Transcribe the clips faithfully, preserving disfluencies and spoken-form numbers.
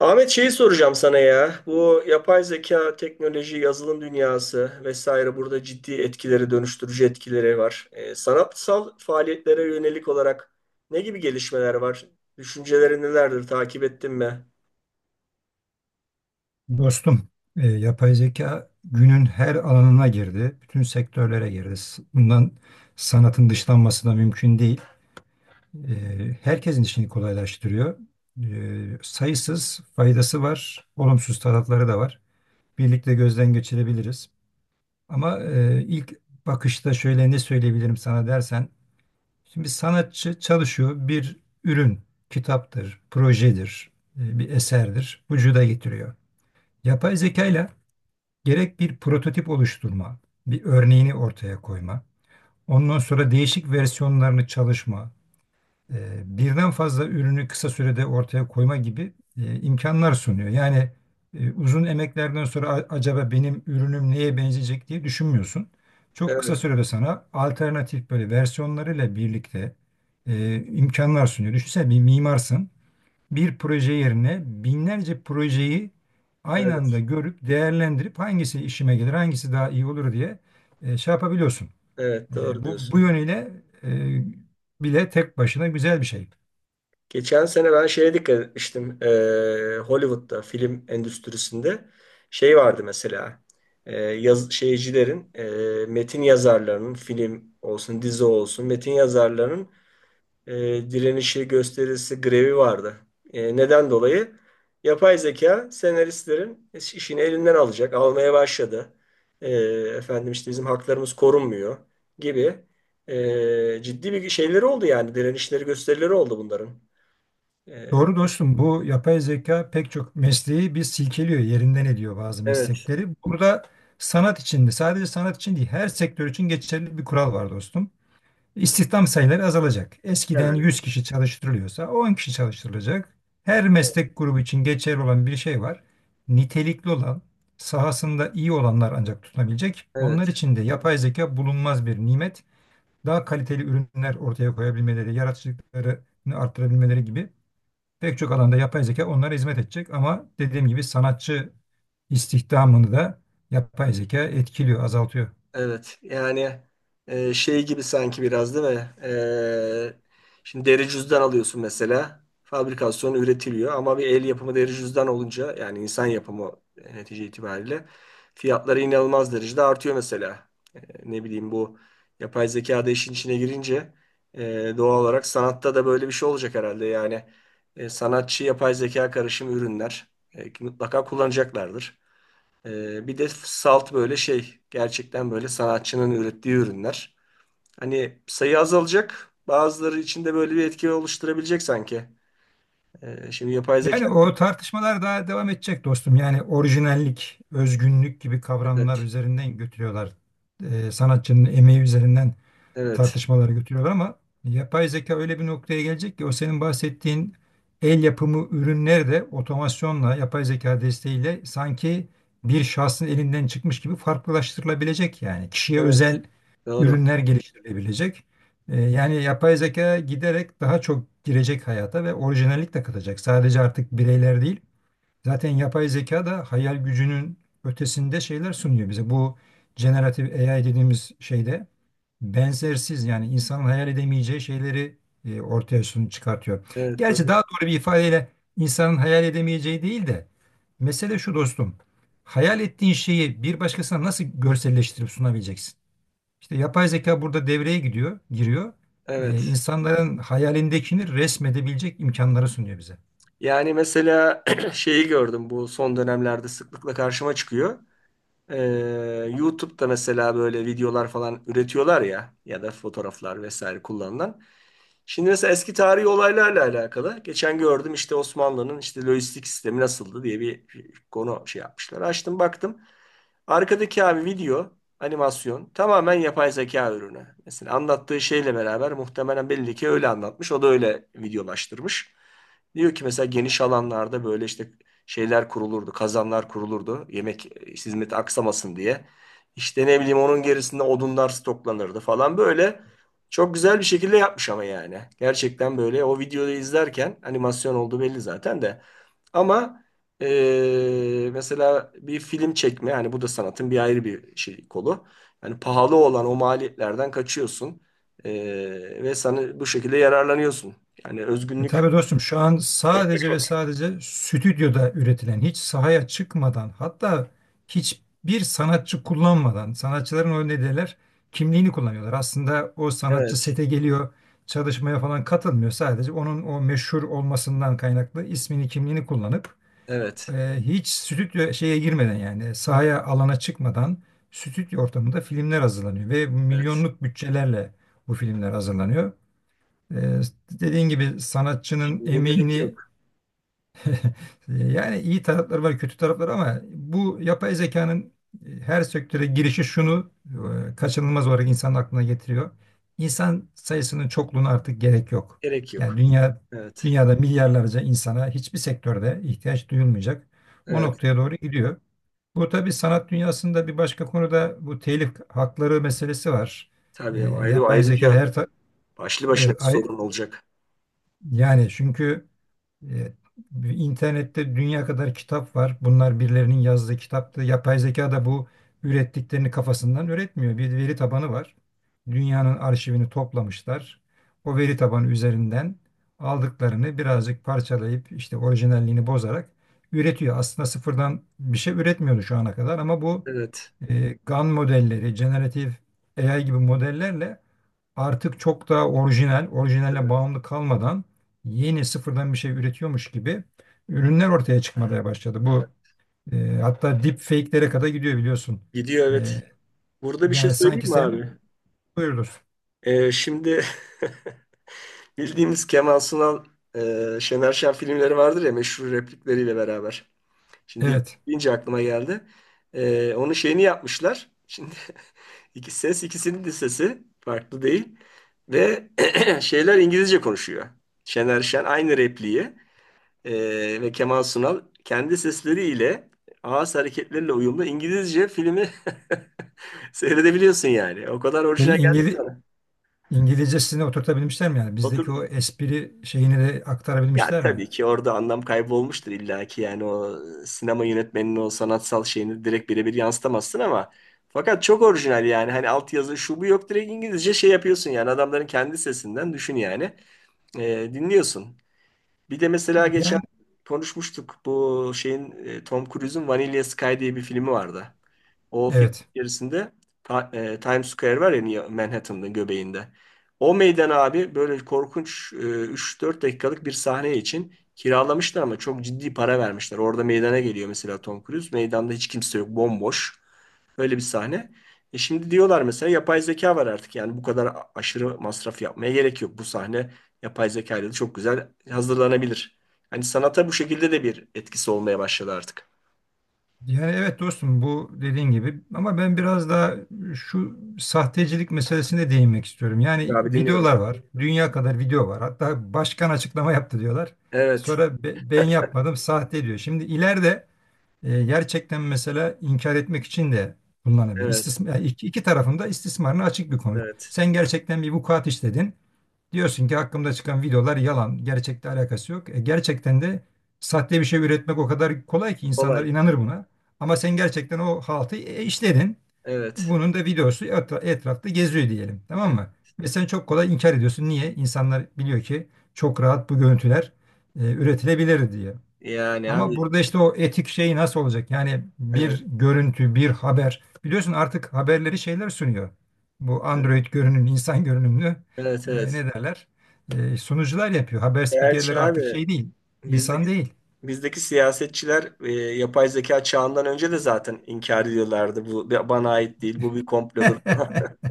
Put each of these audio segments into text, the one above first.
Ahmet şeyi soracağım sana ya. Bu yapay zeka, teknoloji, yazılım dünyası vesaire burada ciddi etkileri, dönüştürücü etkileri var. Ee, sanatsal faaliyetlere yönelik olarak ne gibi gelişmeler var? Düşünceleri nelerdir? Takip ettin mi? Dostum, e, yapay zeka günün her alanına girdi, bütün sektörlere girdi. S- Bundan sanatın dışlanması da mümkün değil. E, Herkesin işini kolaylaştırıyor. E, sayısız faydası var, olumsuz tarafları da var. Birlikte gözden geçirebiliriz. Ama e, ilk bakışta şöyle ne söyleyebilirim sana dersen, şimdi sanatçı çalışıyor, bir ürün, kitaptır, projedir, e, bir eserdir, vücuda getiriyor. Yapay zekayla gerek bir prototip oluşturma, bir örneğini ortaya koyma, ondan sonra değişik versiyonlarını çalışma, e, birden fazla ürünü kısa sürede ortaya koyma gibi e, imkanlar sunuyor. Yani e, uzun emeklerden sonra, "A- acaba benim ürünüm neye benzeyecek?" diye düşünmüyorsun. Çok kısa Evet, sürede sana alternatif, böyle versiyonlarıyla birlikte e, imkanlar sunuyor. Düşünsene, bir mimarsın, bir proje yerine binlerce projeyi aynı anda evet, görüp değerlendirip hangisi işime gelir, hangisi daha iyi olur diye e, şey yapabiliyorsun. evet E, doğru bu, bu diyorsun. yönüyle e, bile tek başına güzel bir şey. Geçen sene ben şeye dikkat etmiştim. Ee, Hollywood'da film endüstrisinde şey vardı mesela. Ee, yaz, şeycilerin, e, metin yazarlarının, film olsun, dizi olsun, metin yazarlarının e, direnişi, gösterisi, grevi vardı. E, neden dolayı? Yapay zeka senaristlerin işini elinden alacak, almaya başladı. E, efendim işte bizim haklarımız korunmuyor gibi e, ciddi bir şeyleri oldu yani direnişleri, gösterileri oldu bunların. Doğru dostum, bu yapay zeka pek çok mesleği bir silkeliyor, yerinden ediyor bazı Evet, meslekleri. Burada sanat için de, sadece sanat için değil, her sektör için geçerli bir kural var dostum. İstihdam sayıları azalacak. Eskiden yani. yüz kişi çalıştırılıyorsa on kişi çalıştırılacak. Her meslek grubu için geçerli olan bir şey var. Nitelikli olan, sahasında iyi olanlar ancak tutunabilecek. Evet. Onlar için de yapay zeka bulunmaz bir nimet. Daha kaliteli ürünler ortaya koyabilmeleri, yaratıcılıklarını arttırabilmeleri gibi pek çok alanda yapay zeka onlara hizmet edecek. Ama dediğim gibi sanatçı istihdamını da yapay zeka etkiliyor, azaltıyor. Evet yani e, şey gibi sanki biraz değil mi? E, şimdi deri cüzdan alıyorsun mesela. Fabrikasyonu üretiliyor ama bir el yapımı deri cüzdan olunca yani insan yapımı e, netice itibariyle fiyatları inanılmaz derecede artıyor mesela. E, ne bileyim bu yapay zeka da işin içine girince e, doğal olarak sanatta da böyle bir şey olacak herhalde. Yani e, sanatçı yapay zeka karışımı ürünler e, mutlaka kullanacaklardır. Ee, bir de salt böyle şey gerçekten böyle sanatçının ürettiği ürünler. Hani sayı azalacak. Bazıları içinde böyle bir etki oluşturabilecek sanki. Ee, şimdi yapay Yani zeka o tartışmalar daha devam edecek dostum. Yani orijinallik, özgünlük gibi kavramlar evet üzerinden götürüyorlar. Ee, sanatçının emeği üzerinden evet tartışmalar götürüyorlar, ama yapay zeka öyle bir noktaya gelecek ki, o senin bahsettiğin el yapımı ürünler de otomasyonla, yapay zeka desteğiyle sanki bir şahsın elinden çıkmış gibi farklılaştırılabilecek, yani kişiye evet özel doğru. ürünler geliştirilebilecek. Ee, yani yapay zeka giderek daha çok girecek hayata ve orijinallik de katacak. Sadece artık bireyler değil, zaten yapay zeka da hayal gücünün ötesinde şeyler sunuyor bize. Bu generatif A I dediğimiz şeyde benzersiz, yani insanın hayal edemeyeceği şeyleri e, ortaya sun çıkartıyor. Evet Gerçi doğru. daha doğru bir ifadeyle, insanın hayal edemeyeceği değil de, mesele şu dostum. Hayal ettiğin şeyi bir başkasına nasıl görselleştirip sunabileceksin? İşte yapay zeka burada devreye gidiyor, giriyor. E, Evet. insanların hayalindekini resmedebilecek imkanları sunuyor bize. Yani mesela şeyi gördüm bu son dönemlerde sıklıkla karşıma çıkıyor. Ee, YouTube'da mesela böyle videolar falan üretiyorlar ya ya da fotoğraflar vesaire kullanılan. Şimdi mesela eski tarihi olaylarla alakalı. Geçen gördüm işte Osmanlı'nın işte lojistik sistemi nasıldı diye bir konu şey yapmışlar. Açtım baktım. Arkadaki abi video, animasyon tamamen yapay zeka ürünü. Mesela anlattığı şeyle beraber muhtemelen belli ki öyle anlatmış. O da öyle videolaştırmış. Diyor ki mesela geniş alanlarda böyle işte şeyler kurulurdu, kazanlar kurulurdu. Yemek e, hizmeti aksamasın diye. İşte ne bileyim onun gerisinde odunlar stoklanırdı falan böyle. Çok güzel bir şekilde yapmış ama yani. Gerçekten böyle o videoyu izlerken animasyon olduğu belli zaten de. Ama e, mesela bir film çekme yani bu da sanatın bir ayrı bir şey kolu. Yani pahalı olan o maliyetlerden kaçıyorsun. E, Ve sana bu şekilde yararlanıyorsun. Yani E özgünlük. Tabii dostum, şu an sadece ve sadece stüdyoda üretilen, hiç sahaya çıkmadan, hatta hiçbir sanatçı kullanmadan, sanatçıların o ne derler, kimliğini kullanıyorlar. Aslında o sanatçı Evet, sete geliyor, çalışmaya falan katılmıyor, sadece onun o meşhur olmasından kaynaklı ismini, kimliğini kullanıp evet, e, hiç stüdyo şeye girmeden, yani sahaya, alana çıkmadan, stüdyo ortamında filmler hazırlanıyor ve evet. milyonluk bütçelerle bu filmler hazırlanıyor. Ee, Dediğin gibi sanatçının Şimdi gerek emeğini yok. e, yani iyi tarafları var, kötü tarafları, ama bu yapay zekanın e, her sektöre girişi şunu e, kaçınılmaz olarak insanın aklına getiriyor. İnsan sayısının çokluğuna artık gerek yok. Gerek Yani yok. dünya Evet. dünyada milyarlarca insana hiçbir sektörde ihtiyaç duyulmayacak. O Evet. noktaya doğru gidiyor. Bu tabii sanat dünyasında bir başka konuda, bu telif hakları meselesi var. Ee, Tabii ayrı yapay zeka ayrıca her ta- başlı başına Evet. bir sorun olacak. Yani çünkü e, internette dünya kadar kitap var. Bunlar birilerinin yazdığı kitaptı. Yapay zeka da bu ürettiklerini kafasından üretmiyor. Bir veri tabanı var. Dünyanın arşivini toplamışlar. O veri tabanı üzerinden aldıklarını birazcık parçalayıp, işte orijinalliğini bozarak üretiyor. Aslında sıfırdan bir şey üretmiyordu şu ana kadar, ama bu Evet. e, GAN modelleri, generative A I gibi modellerle artık çok daha orijinal, orijinaline Evet. bağımlı kalmadan, yeni sıfırdan bir şey üretiyormuş gibi ürünler ortaya çıkmaya başladı. Bu e, hatta deepfake'lere kadar gidiyor biliyorsun. Gidiyor E, evet. Burada bir şey Yani söyleyeyim sanki mi sen abi? buyurdur. Ee, şimdi bildiğimiz Kemal Sunal, e, Şener Şen filmleri vardır ya meşhur replikleriyle beraber. Şimdi Evet. deyince aklıma geldi. Ee, onun şeyini yapmışlar. Şimdi iki ses ikisinin de sesi farklı değil. Ve şeyler İngilizce konuşuyor. Şener Şen aynı repliği. Ee, ve Kemal Sunal kendi sesleriyle ağız hareketleriyle uyumlu İngilizce filmi seyredebiliyorsun yani. O kadar Ve orijinal geldi ki İngili bana. İngilizcesine oturtabilmişler mi yani? Bizdeki o Otur. espri şeyini de Yani aktarabilmişler mi? tabii ki orada anlam kaybolmuştur illa ki yani o sinema yönetmeninin o sanatsal şeyini direkt birebir yansıtamazsın ama fakat çok orijinal yani hani altyazı şu bu yok direkt İngilizce şey yapıyorsun yani adamların kendi sesinden düşün yani Ee, dinliyorsun. Bir de mesela geçen Yani konuşmuştuk bu şeyin e, Tom Cruise'un Vanilla Sky diye bir filmi vardı. O film evet. içerisinde Ta- e, Times Square var ya New Manhattan'ın göbeğinde. O meydan abi böyle korkunç e, üç dört dakikalık bir sahne için kiralamışlar ama çok ciddi para vermişler. Orada meydana geliyor mesela Tom Cruise. Meydanda hiç kimse yok, bomboş. Öyle bir sahne. E şimdi diyorlar mesela yapay zeka var artık. Yani bu kadar a- aşırı masraf yapmaya gerek yok. Bu sahne yapay zeka ile de çok güzel hazırlanabilir. Hani sanata bu şekilde de bir etkisi olmaya başladı artık. Yani evet dostum, bu dediğin gibi, ama ben biraz daha şu sahtecilik meselesine değinmek istiyorum. Yani Abi dinliyorum. videolar var. Dünya kadar video var. Hatta başkan açıklama yaptı diyorlar. Evet, Sonra be- ben yapmadım, sahte diyor. Şimdi ileride e, gerçekten mesela inkar etmek için de kullanabilir. evet. İstismar, iki, iki tarafın da istismarına açık bir konu. Evet. Sen gerçekten bir vukuat işledin. Diyorsun ki hakkımda çıkan videolar yalan, gerçekle alakası yok. E, gerçekten de sahte bir şey üretmek o kadar kolay ki, insanlar Kolay. inanır buna. Ama sen gerçekten o haltı e, işledin. Evet. Bunun da videosu etra- etrafta geziyor diyelim, tamam Evet. mı? Ve sen çok kolay inkar ediyorsun. Niye? İnsanlar biliyor ki çok rahat bu görüntüler e, üretilebilir diye. Yani Ama abi burada işte o etik şey nasıl olacak? Yani evet. bir görüntü, bir haber. Biliyorsun artık haberleri şeyler sunuyor. Bu Evet Android görünümlü, insan görünümlü, evet. e, ne Evet. derler, E, sunucular yapıyor. Haber spikerleri Gerçi artık abi şey değil, insan bizdeki değil. bizdeki siyasetçiler e, yapay zeka çağından önce de zaten inkar ediyorlardı. Bu bana ait değil. Bu bir komplodur falan.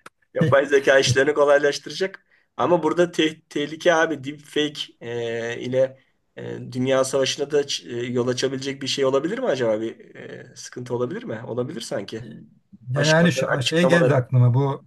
Yapay zeka işlerini kolaylaştıracak. Ama burada te- tehlike abi deepfake e, ile e, dünya savaşına da ç- e, yol açabilecek bir şey olabilir mi acaba? Bir e, sıkıntı olabilir mi? Olabilir sanki. Yani hani, Başkanların ş- şey açıklamaları geldi aklıma, bu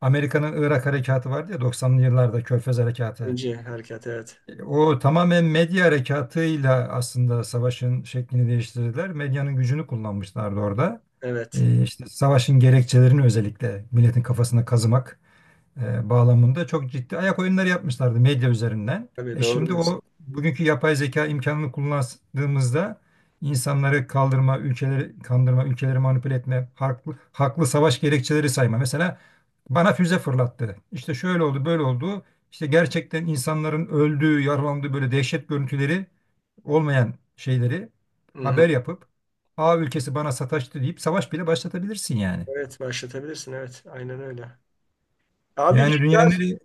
Amerika'nın Irak harekatı vardı ya, doksanlı yıllarda, Körfez harekatı. ince harekat evet. O tamamen medya harekatıyla aslında savaşın şeklini değiştirdiler. Medyanın gücünü kullanmışlardı orada. Evet. Ee, işte savaşın gerekçelerini özellikle milletin kafasına kazımak e, bağlamında çok ciddi ayak oyunları yapmışlardı medya üzerinden. Tabii E doğru Şimdi diyorsun. o bugünkü yapay zeka imkanını kullandığımızda insanları kaldırma, ülkeleri kandırma, ülkeleri manipüle etme, haklı, haklı savaş gerekçeleri sayma. Mesela bana füze fırlattı, İşte şöyle oldu, böyle oldu. İşte gerçekten insanların öldüğü, yaralandığı böyle dehşet görüntüleri, olmayan şeyleri Hı hı. haber yapıp, A ülkesi bana sataştı deyip savaş bile başlatabilirsin yani. Evet başlatabilirsin. Evet. Aynen öyle. Abi bir Yani şey dünyanın daha nereye-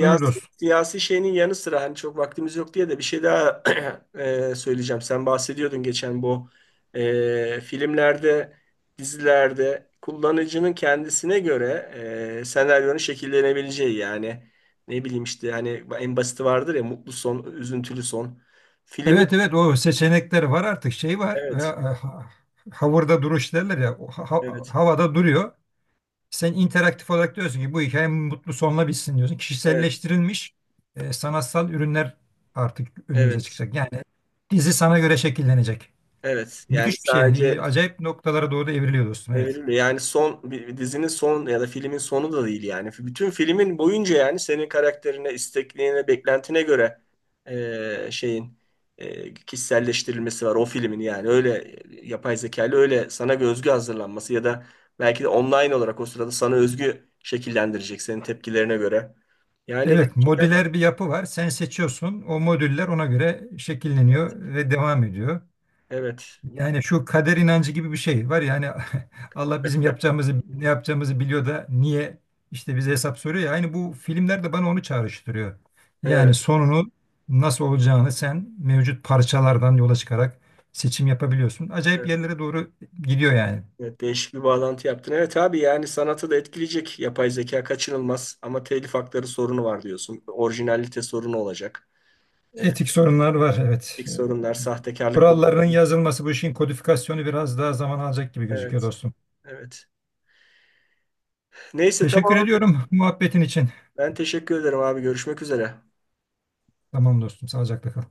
Buyur dostum. siyasi şeyinin yanı sıra hani çok vaktimiz yok diye de bir şey daha e, söyleyeceğim. Sen bahsediyordun geçen bu e, filmlerde, dizilerde kullanıcının kendisine göre e, senaryonun şekillenebileceği yani ne bileyim işte hani en basiti vardır ya mutlu son, üzüntülü son. Filmin Evet, evet, o seçenekler var artık, şey var. Ve, e, evet, ha- havurda duruş derler ya, o ha- ha- evet, havada duruyor. Sen interaktif olarak diyorsun ki bu hikaye mutlu sonla bitsin diyorsun. evet, Kişiselleştirilmiş e, sanatsal ürünler artık önümüze evet. çıkacak. Yani dizi sana göre şekillenecek. Evet. Yani Müthiş bir şey yani. sadece İyi, acayip noktalara doğru da evriliyor dostum. evet, Evet. yani son bir- dizinin son ya da filmin sonu da değil yani. Bütün filmin boyunca yani senin karakterine, istekliğine, beklentine göre e, şeyin e, kişiselleştirilmesi var o filmin yani. Öyle yapay zekalı öyle sana özgü hazırlanması ya da belki de online olarak o sırada sana özgü şekillendirecek senin tepkilerine göre. Yani Evet, gerçekten modüler bir yapı var. Sen seçiyorsun. O modüller ona göre evet. şekilleniyor ve devam ediyor. Evet. Yani şu kader inancı gibi bir şey var ya hani, Allah bizim yapacağımızı, ne yapacağımızı biliyor da niye işte bize hesap soruyor ya. Aynı bu filmler de bana onu çağrıştırıyor. Evet. Yani sonunu, nasıl olacağını sen mevcut parçalardan yola çıkarak seçim yapabiliyorsun. Acayip Evet. yerlere doğru gidiyor yani. Evet, değişik bir bağlantı yaptın. Evet abi yani sanatı da etkileyecek yapay zeka kaçınılmaz ama telif hakları sorunu var diyorsun. Orijinalite sorunu olacak. Ee, Etik sorunlar var evet. etik Ee, sorunlar, sahtekarlık bu. Kurallarının yazılması, bu işin kodifikasyonu biraz daha zaman alacak gibi gözüküyor Evet, dostum. evet. Neyse Teşekkür tamam. ediyorum muhabbetin için. Ben teşekkür ederim abi. Görüşmek üzere. Tamam dostum, sağlıcakla kal.